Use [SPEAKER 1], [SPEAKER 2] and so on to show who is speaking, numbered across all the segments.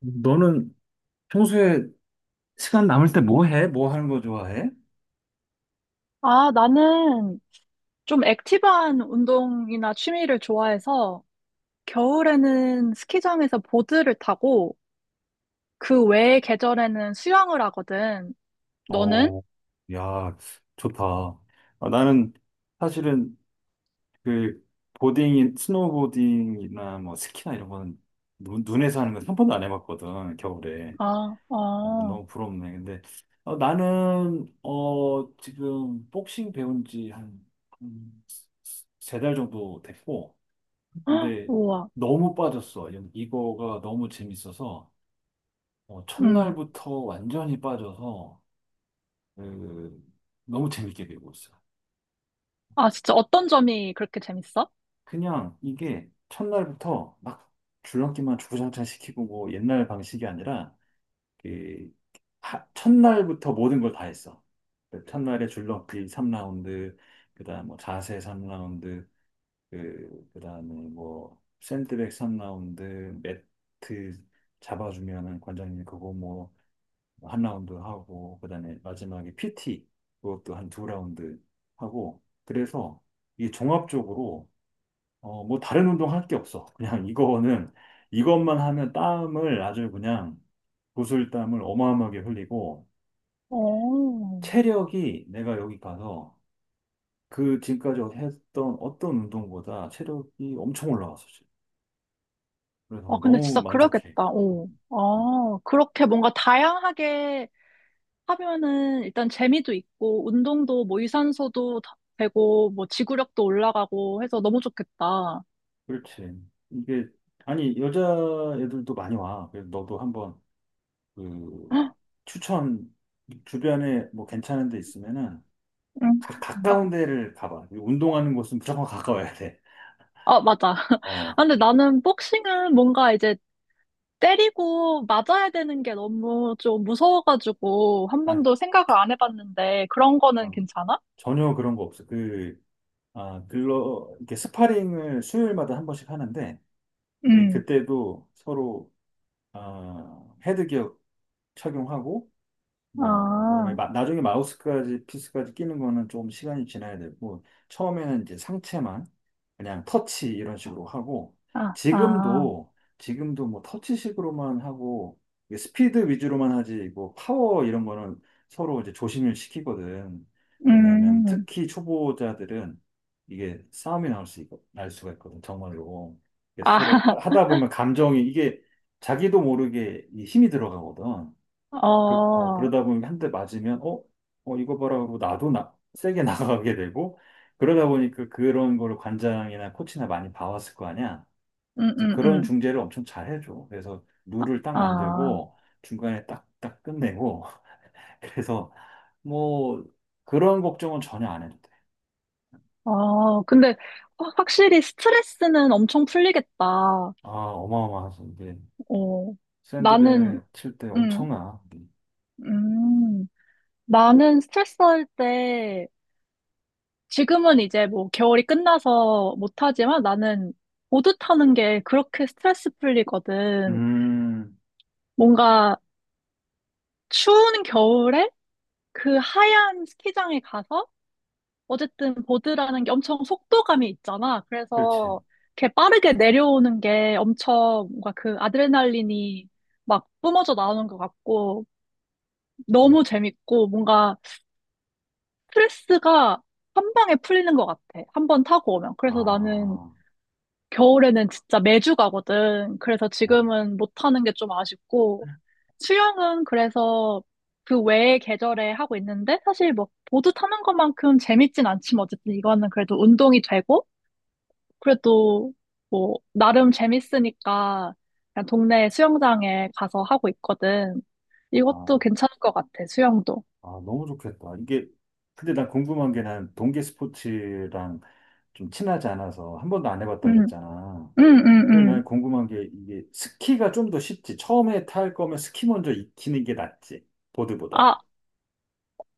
[SPEAKER 1] 너는 평소에 시간 남을 때 뭐 해? 뭐 하는 거 좋아해?
[SPEAKER 2] 아, 나는 좀 액티브한 운동이나 취미를 좋아해서 겨울에는 스키장에서 보드를 타고 그 외의 계절에는 수영을 하거든. 너는?
[SPEAKER 1] 어, 야, 좋다. 아, 나는 사실은 그 보딩인 스노우보딩이나 뭐 스키나 이런 거는 눈에서 하는 건 한 번도 안 해봤거든, 겨울에.
[SPEAKER 2] 아,
[SPEAKER 1] 어,
[SPEAKER 2] 어,
[SPEAKER 1] 너무 부럽네. 근데 어, 나는 어, 지금 복싱 배운 지 한 세 달 정도 됐고,
[SPEAKER 2] 헉,
[SPEAKER 1] 근데
[SPEAKER 2] 우와.
[SPEAKER 1] 너무 빠졌어. 이거가 너무 재밌어서. 어,
[SPEAKER 2] 음.
[SPEAKER 1] 첫날부터 완전히 빠져서 그, 너무 재밌게 배우고 있어요.
[SPEAKER 2] 아, 진짜 어떤 점이 그렇게 재밌어?
[SPEAKER 1] 그냥 이게 첫날부터 막 줄넘기만 주구장창 시키고 뭐 옛날 방식이 아니라 그 첫날부터 모든 걸 다 했어. 그 첫날에 줄넘기 3라운드, 그다음 뭐 자세 3라운드, 그다음에 뭐 샌드백 3라운드, 매트 잡아주면은 관장님 그거 뭐 한 라운드 하고 그다음에 마지막에 PT 그것도 한 두 라운드 하고 그래서 이게 종합적으로 어 뭐 다른 운동 할 게 없어. 그냥 이거는 이것만 하면 땀을 아주 그냥 구슬땀을 어마어마하게 흘리고
[SPEAKER 2] 어.
[SPEAKER 1] 체력이 내가 여기 가서 그 지금까지 했던 어떤 운동보다 체력이 엄청 올라왔어 지금.
[SPEAKER 2] 아,
[SPEAKER 1] 그래서
[SPEAKER 2] 근데
[SPEAKER 1] 너무
[SPEAKER 2] 진짜
[SPEAKER 1] 만족해.
[SPEAKER 2] 그러겠다. 어.
[SPEAKER 1] 음,
[SPEAKER 2] 아, 그렇게 뭔가 다양하게 하면은 일단 재미도 있고, 운동도 뭐 유산소도 더 되고, 뭐 지구력도 올라가고 해서 너무 좋겠다.
[SPEAKER 1] 그렇지. 이게 아니 여자애들도 많이 와. 그래서 너도 한번 그 추천, 주변에 뭐 괜찮은 데 있으면은
[SPEAKER 2] 음.
[SPEAKER 1] 가까운 데를 가봐. 운동하는 곳은 무조건 가까워야 돼.
[SPEAKER 2] 아, 맞아. 아,
[SPEAKER 1] 어,
[SPEAKER 2] 근데 나는 복싱은 뭔가 이제 때리고 맞아야 되는 게 너무 좀 무서워가지고 한
[SPEAKER 1] 아,
[SPEAKER 2] 번도 생각을 안 해봤는데 그런 거는
[SPEAKER 1] 어,
[SPEAKER 2] 괜찮아?
[SPEAKER 1] 전혀 그런 거 없어. 그, 아, 글로, 이렇게 스파링을 수요일마다 한 번씩 하는데, 이
[SPEAKER 2] 음,
[SPEAKER 1] 그때도 서로, 아, 헤드기어 착용하고, 뭐 어, 그다음에
[SPEAKER 2] 아,
[SPEAKER 1] 나중에 마우스까지 피스까지 끼는 거는 조금 시간이 지나야 되고 처음에는 이제 상체만 그냥 터치 이런 식으로 하고
[SPEAKER 2] 아, 아.
[SPEAKER 1] 지금도 뭐 터치식으로만 하고 이게 스피드 위주로만 하지 뭐 파워 이런 거는 서로 이제 조심을 시키거든. 왜냐하면
[SPEAKER 2] 음.
[SPEAKER 1] 특히 초보자들은 이게 싸움이 나올 수 있고 날 수가 있거든, 정말로. 그래서 서로
[SPEAKER 2] 아,
[SPEAKER 1] 하다 보면 감정이 이게 자기도 모르게 이 힘이 들어가거든. 그, 어,
[SPEAKER 2] 어,
[SPEAKER 1] 그러다 보니 한 대 맞으면, 어, 어, 이거 봐라 하고 나도 나, 세게 나가게 되고, 그러다 보니까 그런 거를 관장이나 코치나 많이 봐왔을 거 아니야.
[SPEAKER 2] 음,
[SPEAKER 1] 그래서
[SPEAKER 2] 음,
[SPEAKER 1] 그런
[SPEAKER 2] 음.
[SPEAKER 1] 중재를 엄청 잘 해줘. 그래서 룰을 딱
[SPEAKER 2] 아,
[SPEAKER 1] 만들고, 중간에 딱 끝내고, 그래서 뭐, 그런 걱정은 전혀 안 해도 돼.
[SPEAKER 2] 아, 근데 확실히 스트레스는 엄청 풀리겠다. 어,
[SPEAKER 1] 아, 어마어마하지. 이게
[SPEAKER 2] 나는,
[SPEAKER 1] 샌드백 칠 때
[SPEAKER 2] 음,
[SPEAKER 1] 엄청나.
[SPEAKER 2] 음, 나는 스트레스 할 때, 지금은 이제 뭐 겨울이 끝나서 못하지만 나는 보드 타는 게 그렇게 스트레스 풀리거든.
[SPEAKER 1] 음,
[SPEAKER 2] 뭔가 추운 겨울에 그 하얀 스키장에 가서 어쨌든 보드라는 게 엄청 속도감이 있잖아.
[SPEAKER 1] 그렇지.
[SPEAKER 2] 그래서 이렇게 빠르게 내려오는 게 엄청 뭔가 그 아드레날린이 막 뿜어져 나오는 것 같고 너무 재밌고 뭔가 스트레스가 한 방에 풀리는 것 같아. 한 번 타고 오면. 그래서 나는
[SPEAKER 1] 아,
[SPEAKER 2] 겨울에는 진짜 매주 가거든. 그래서
[SPEAKER 1] 음,
[SPEAKER 2] 지금은 못 타는 게 좀 아쉽고 수영은 그래서 그 외의 계절에 하고 있는데 사실 뭐 보드 타는 것만큼 재밌진 않지만 어쨌든 이거는 그래도 운동이 되고 그래도 뭐 나름 재밌으니까 그냥 동네 수영장에 가서 하고 있거든. 이것도
[SPEAKER 1] 아.
[SPEAKER 2] 괜찮을 것 같아, 수영도.
[SPEAKER 1] 아, 너무 좋겠다. 이게, 근데 난 궁금한 게 난 동계 스포츠랑 좀 친하지 않아서 한 번도 안 해봤다
[SPEAKER 2] 응,
[SPEAKER 1] 그랬잖아.
[SPEAKER 2] 응, 응,
[SPEAKER 1] 그래서
[SPEAKER 2] 응.
[SPEAKER 1] 난 궁금한 게 이게 스키가 좀 더 쉽지. 처음에 탈 거면 스키 먼저 익히는 게 낫지. 보드보다.
[SPEAKER 2] 아,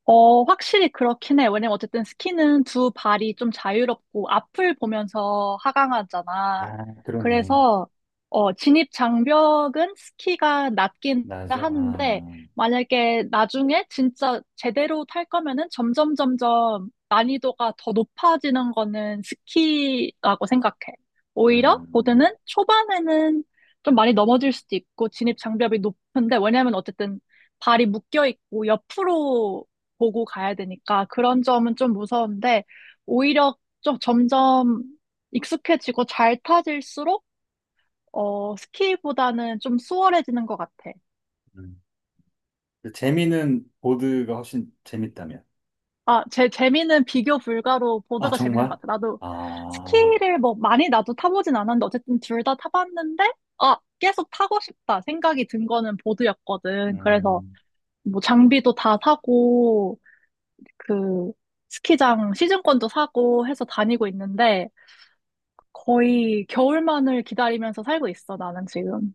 [SPEAKER 2] 어, 확실히 그렇긴 해. 왜냐면 어쨌든 스키는 두 발이 좀 자유롭고 앞을 보면서 하강하잖아.
[SPEAKER 1] 아, 그러네.
[SPEAKER 2] 그래서, 어, 진입 장벽은 스키가 낮긴
[SPEAKER 1] 나죠?
[SPEAKER 2] 하는데,
[SPEAKER 1] 아,
[SPEAKER 2] 만약에 나중에 진짜 제대로 탈 거면은 점점 난이도가 더 높아지는 거는 스키라고 생각해. 오히려
[SPEAKER 1] 음,
[SPEAKER 2] 보드는 초반에는 좀 많이 넘어질 수도 있고, 진입 장벽이 높은데, 왜냐면 어쨌든 발이 묶여 있고 옆으로 보고 가야 되니까 그런 점은 좀 무서운데 오히려 좀 점점 익숙해지고 잘 타질수록 어, 스키보다는 좀 수월해지는 것 같아.
[SPEAKER 1] 음. 근데 재미는 보드가 훨씬 재밌다면.
[SPEAKER 2] 아, 제 재미는 비교 불가로
[SPEAKER 1] 아,
[SPEAKER 2] 보드가 재밌는
[SPEAKER 1] 정말?
[SPEAKER 2] 것 같아. 나도
[SPEAKER 1] 아,
[SPEAKER 2] 스키를 뭐 많이 나도 타보진 않았는데 어쨌든 둘 다 타봤는데 아, 계속 타고 싶다 생각이 든 거는 보드였거든. 그래서
[SPEAKER 1] 음.
[SPEAKER 2] 뭐 장비도 다 사고 그 스키장 시즌권도 사고 해서 다니고 있는데 거의 겨울만을 기다리면서 살고 있어, 나는 지금.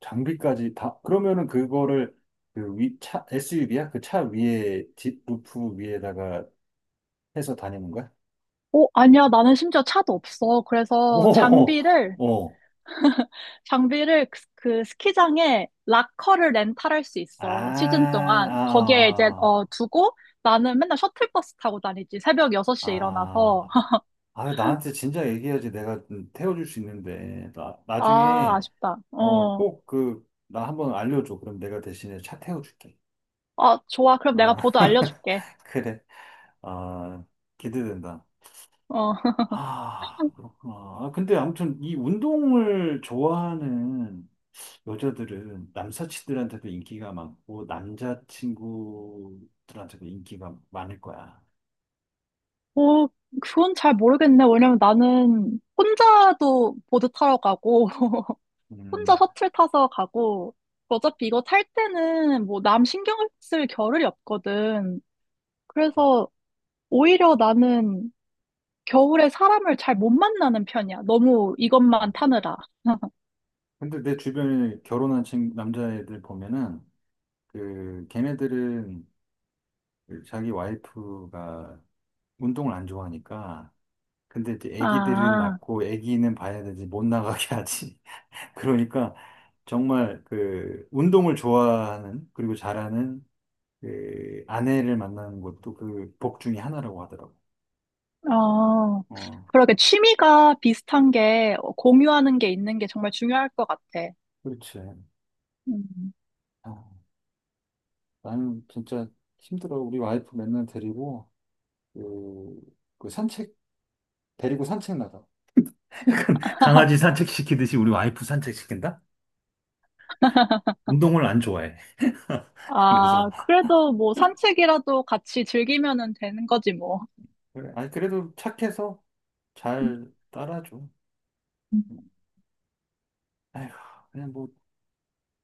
[SPEAKER 1] 장비까지 다, 그러면은 그거를 그 위, 차, SUV야? 그 차 위에, 뒷루프 위에다가 해서 다니는 거야?
[SPEAKER 2] 어, 아니야, 나는 심지어 차도 없어. 그래서
[SPEAKER 1] 오, 오,
[SPEAKER 2] 장비를 그, 그 스키장에 락커를 렌탈할 수
[SPEAKER 1] 아,
[SPEAKER 2] 있어, 시즌 동안. 거기에 이제,
[SPEAKER 1] 아,
[SPEAKER 2] 어, 두고 나는 맨날 셔틀버스 타고 다니지. 새벽 6시에
[SPEAKER 1] 아,
[SPEAKER 2] 일어나서.
[SPEAKER 1] 아, 나한테 진작 얘기해야지 내가 태워줄 수 있는데. 나,
[SPEAKER 2] 아,
[SPEAKER 1] 나중에,
[SPEAKER 2] 아쉽다.
[SPEAKER 1] 어,
[SPEAKER 2] 어.
[SPEAKER 1] 꼭 그, 나 한번 알려줘. 그럼 내가 대신에 차 태워줄게.
[SPEAKER 2] 아, 좋아. 그럼 내가
[SPEAKER 1] 아,
[SPEAKER 2] 보도 알려줄게.
[SPEAKER 1] 그래. 아, 기대된다.
[SPEAKER 2] 어.
[SPEAKER 1] 아, 그렇구나. 아, 근데 아무튼 이 운동을 좋아하는 여자들은 남사친들한테도 인기가 많고 남자친구들한테도 인기가 많을 거야.
[SPEAKER 2] 어, 그건 잘 모르겠네. 왜냐면 나는 혼자도 보드 타러 가고,
[SPEAKER 1] 음.
[SPEAKER 2] 혼자 셔틀 타서 가고, 그 어차피 이거 탈 때는 뭐 남 신경 쓸 겨를이 없거든. 그래서 오히려 나는 겨울에 사람을 잘 못 만나는 편이야. 너무 이것만 타느라.
[SPEAKER 1] 근데 내 주변에 결혼한 친 남자애들 보면은 그 걔네들은 그 자기 와이프가 운동을 안 좋아하니까. 근데 이제 애기들은
[SPEAKER 2] 아,
[SPEAKER 1] 낳고 애기는 봐야 되지, 못 나가게 하지. 그러니까 정말 그 운동을 좋아하는 그리고 잘하는 그 아내를 만나는 것도 그 복 중에 하나라고 하더라고.
[SPEAKER 2] 어.
[SPEAKER 1] 어,
[SPEAKER 2] 그러게 취미가 비슷한 게 어, 공유하는 게 있는 게 정말 중요할 것 같아.
[SPEAKER 1] 그렇지.
[SPEAKER 2] 음.
[SPEAKER 1] 아, 나는 진짜 힘들어. 우리 와이프 맨날 데리고 그, 그 산책 데리고 산책 나가. 약간 강아지 산책시키듯이 우리 와이프 산책시킨다? 운동을 안 좋아해. 그래서
[SPEAKER 2] 아, 그래도 뭐 산책이라도 같이 즐기면은 되는 거지 뭐.
[SPEAKER 1] 그래. 아니 그래도 착해서 잘 따라줘.
[SPEAKER 2] 음.
[SPEAKER 1] 아휴, 그냥 뭐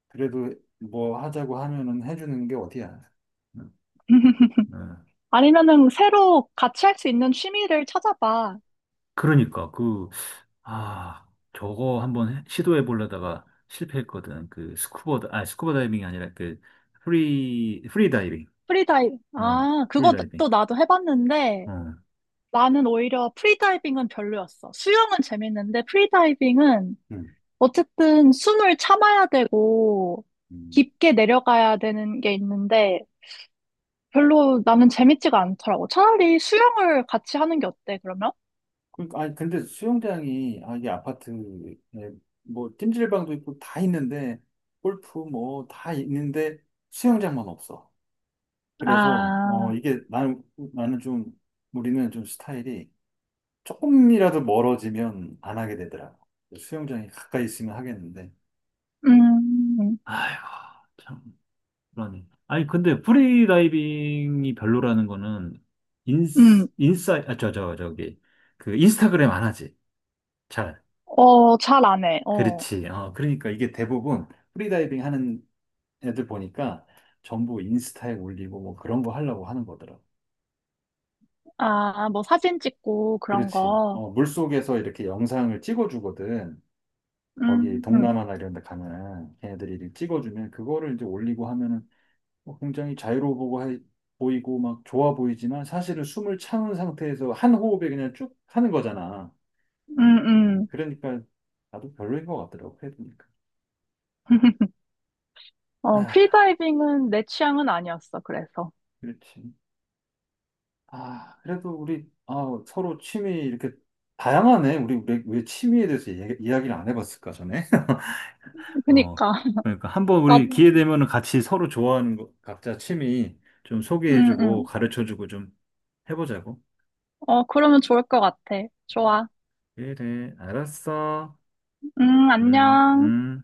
[SPEAKER 1] 그래도 뭐 하자고 하면은 해주는 게 어디야. 응. 네.
[SPEAKER 2] 아니면은 새로 같이 할 수 있는 취미를 찾아봐.
[SPEAKER 1] 그러니까 그, 아, 저거 한번 시도해 보려다가 실패했거든. 그 스쿠버, 아, 스쿠버 다이빙이 아니라 그 프리 다이빙.
[SPEAKER 2] 프리다이빙.
[SPEAKER 1] 어,
[SPEAKER 2] 아,
[SPEAKER 1] 프리 다이빙.
[SPEAKER 2] 그것도 나도 해봤는데
[SPEAKER 1] 어.
[SPEAKER 2] 나는 오히려 프리다이빙은 별로였어. 수영은 재밌는데 프리다이빙은
[SPEAKER 1] 음.
[SPEAKER 2] 어쨌든 숨을 참아야 되고
[SPEAKER 1] 음.
[SPEAKER 2] 깊게 내려가야 되는 게 있는데 별로 나는 재밌지가 않더라고. 차라리 수영을 같이 하는 게 어때, 그러면?
[SPEAKER 1] 그러니까 아니 근데 수영장이 아, 이게 아파트에 뭐 찜질방도 있고 다 있는데 골프 뭐 다 있는데 수영장만 없어. 그래서 어
[SPEAKER 2] 아,
[SPEAKER 1] 이게 나는 나는 좀 우리는 좀 스타일이 조금이라도 멀어지면 안 하게 되더라고. 수영장이 가까이 있으면 하겠는데.
[SPEAKER 2] 음,
[SPEAKER 1] 아이고, 참, 불안해. 아니, 근데 프리다이빙이 별로라는 거는, 인스,
[SPEAKER 2] 음,
[SPEAKER 1] 인싸, 아, 저, 저, 저기, 그, 인스타그램 안 하지. 잘.
[SPEAKER 2] 어, 잘 안 해. 어,
[SPEAKER 1] 그렇지. 어, 그러니까 이게 대부분 프리다이빙 하는 애들 보니까 전부 인스타에 올리고 뭐 그런 거 하려고 하는 거더라고.
[SPEAKER 2] 아, 뭐 사진 찍고 그런
[SPEAKER 1] 그렇지.
[SPEAKER 2] 거.
[SPEAKER 1] 어, 물속에서 이렇게 영상을 찍어주거든. 거기
[SPEAKER 2] 음,
[SPEAKER 1] 동남아나 이런 데 가면은 걔네들이 이렇게 찍어주면 그거를 이제 올리고 하면은 뭐 굉장히 자유로워 보고 보이고 막 좋아 보이지만 사실은 숨을 참은 상태에서 한 호흡에 그냥 쭉 하는 거잖아.
[SPEAKER 2] 음,
[SPEAKER 1] 그러니까 나도 별로인 것 같더라고 해보니까.
[SPEAKER 2] 음. 어,
[SPEAKER 1] 아,
[SPEAKER 2] 프리다이빙은 내 취향은 아니었어, 그래서.
[SPEAKER 1] 그렇지. 아, 그래도 우리 아, 서로 취미 이렇게 다양하네. 우리 왜, 왜 취미에 대해서 이야기를 안 해봤을까 전에? 어,
[SPEAKER 2] 그니까.
[SPEAKER 1] 그러니까 한번
[SPEAKER 2] 나,
[SPEAKER 1] 우리 기회 되면은 같이 서로 좋아하는 거, 각자 취미 좀
[SPEAKER 2] 응,
[SPEAKER 1] 소개해주고
[SPEAKER 2] 응.
[SPEAKER 1] 가르쳐주고 좀 해보자고.
[SPEAKER 2] 어, 그러면 좋을 것 같아. 좋아.
[SPEAKER 1] 그래, 알았어.
[SPEAKER 2] 응,
[SPEAKER 1] 음,
[SPEAKER 2] 안녕.
[SPEAKER 1] 음.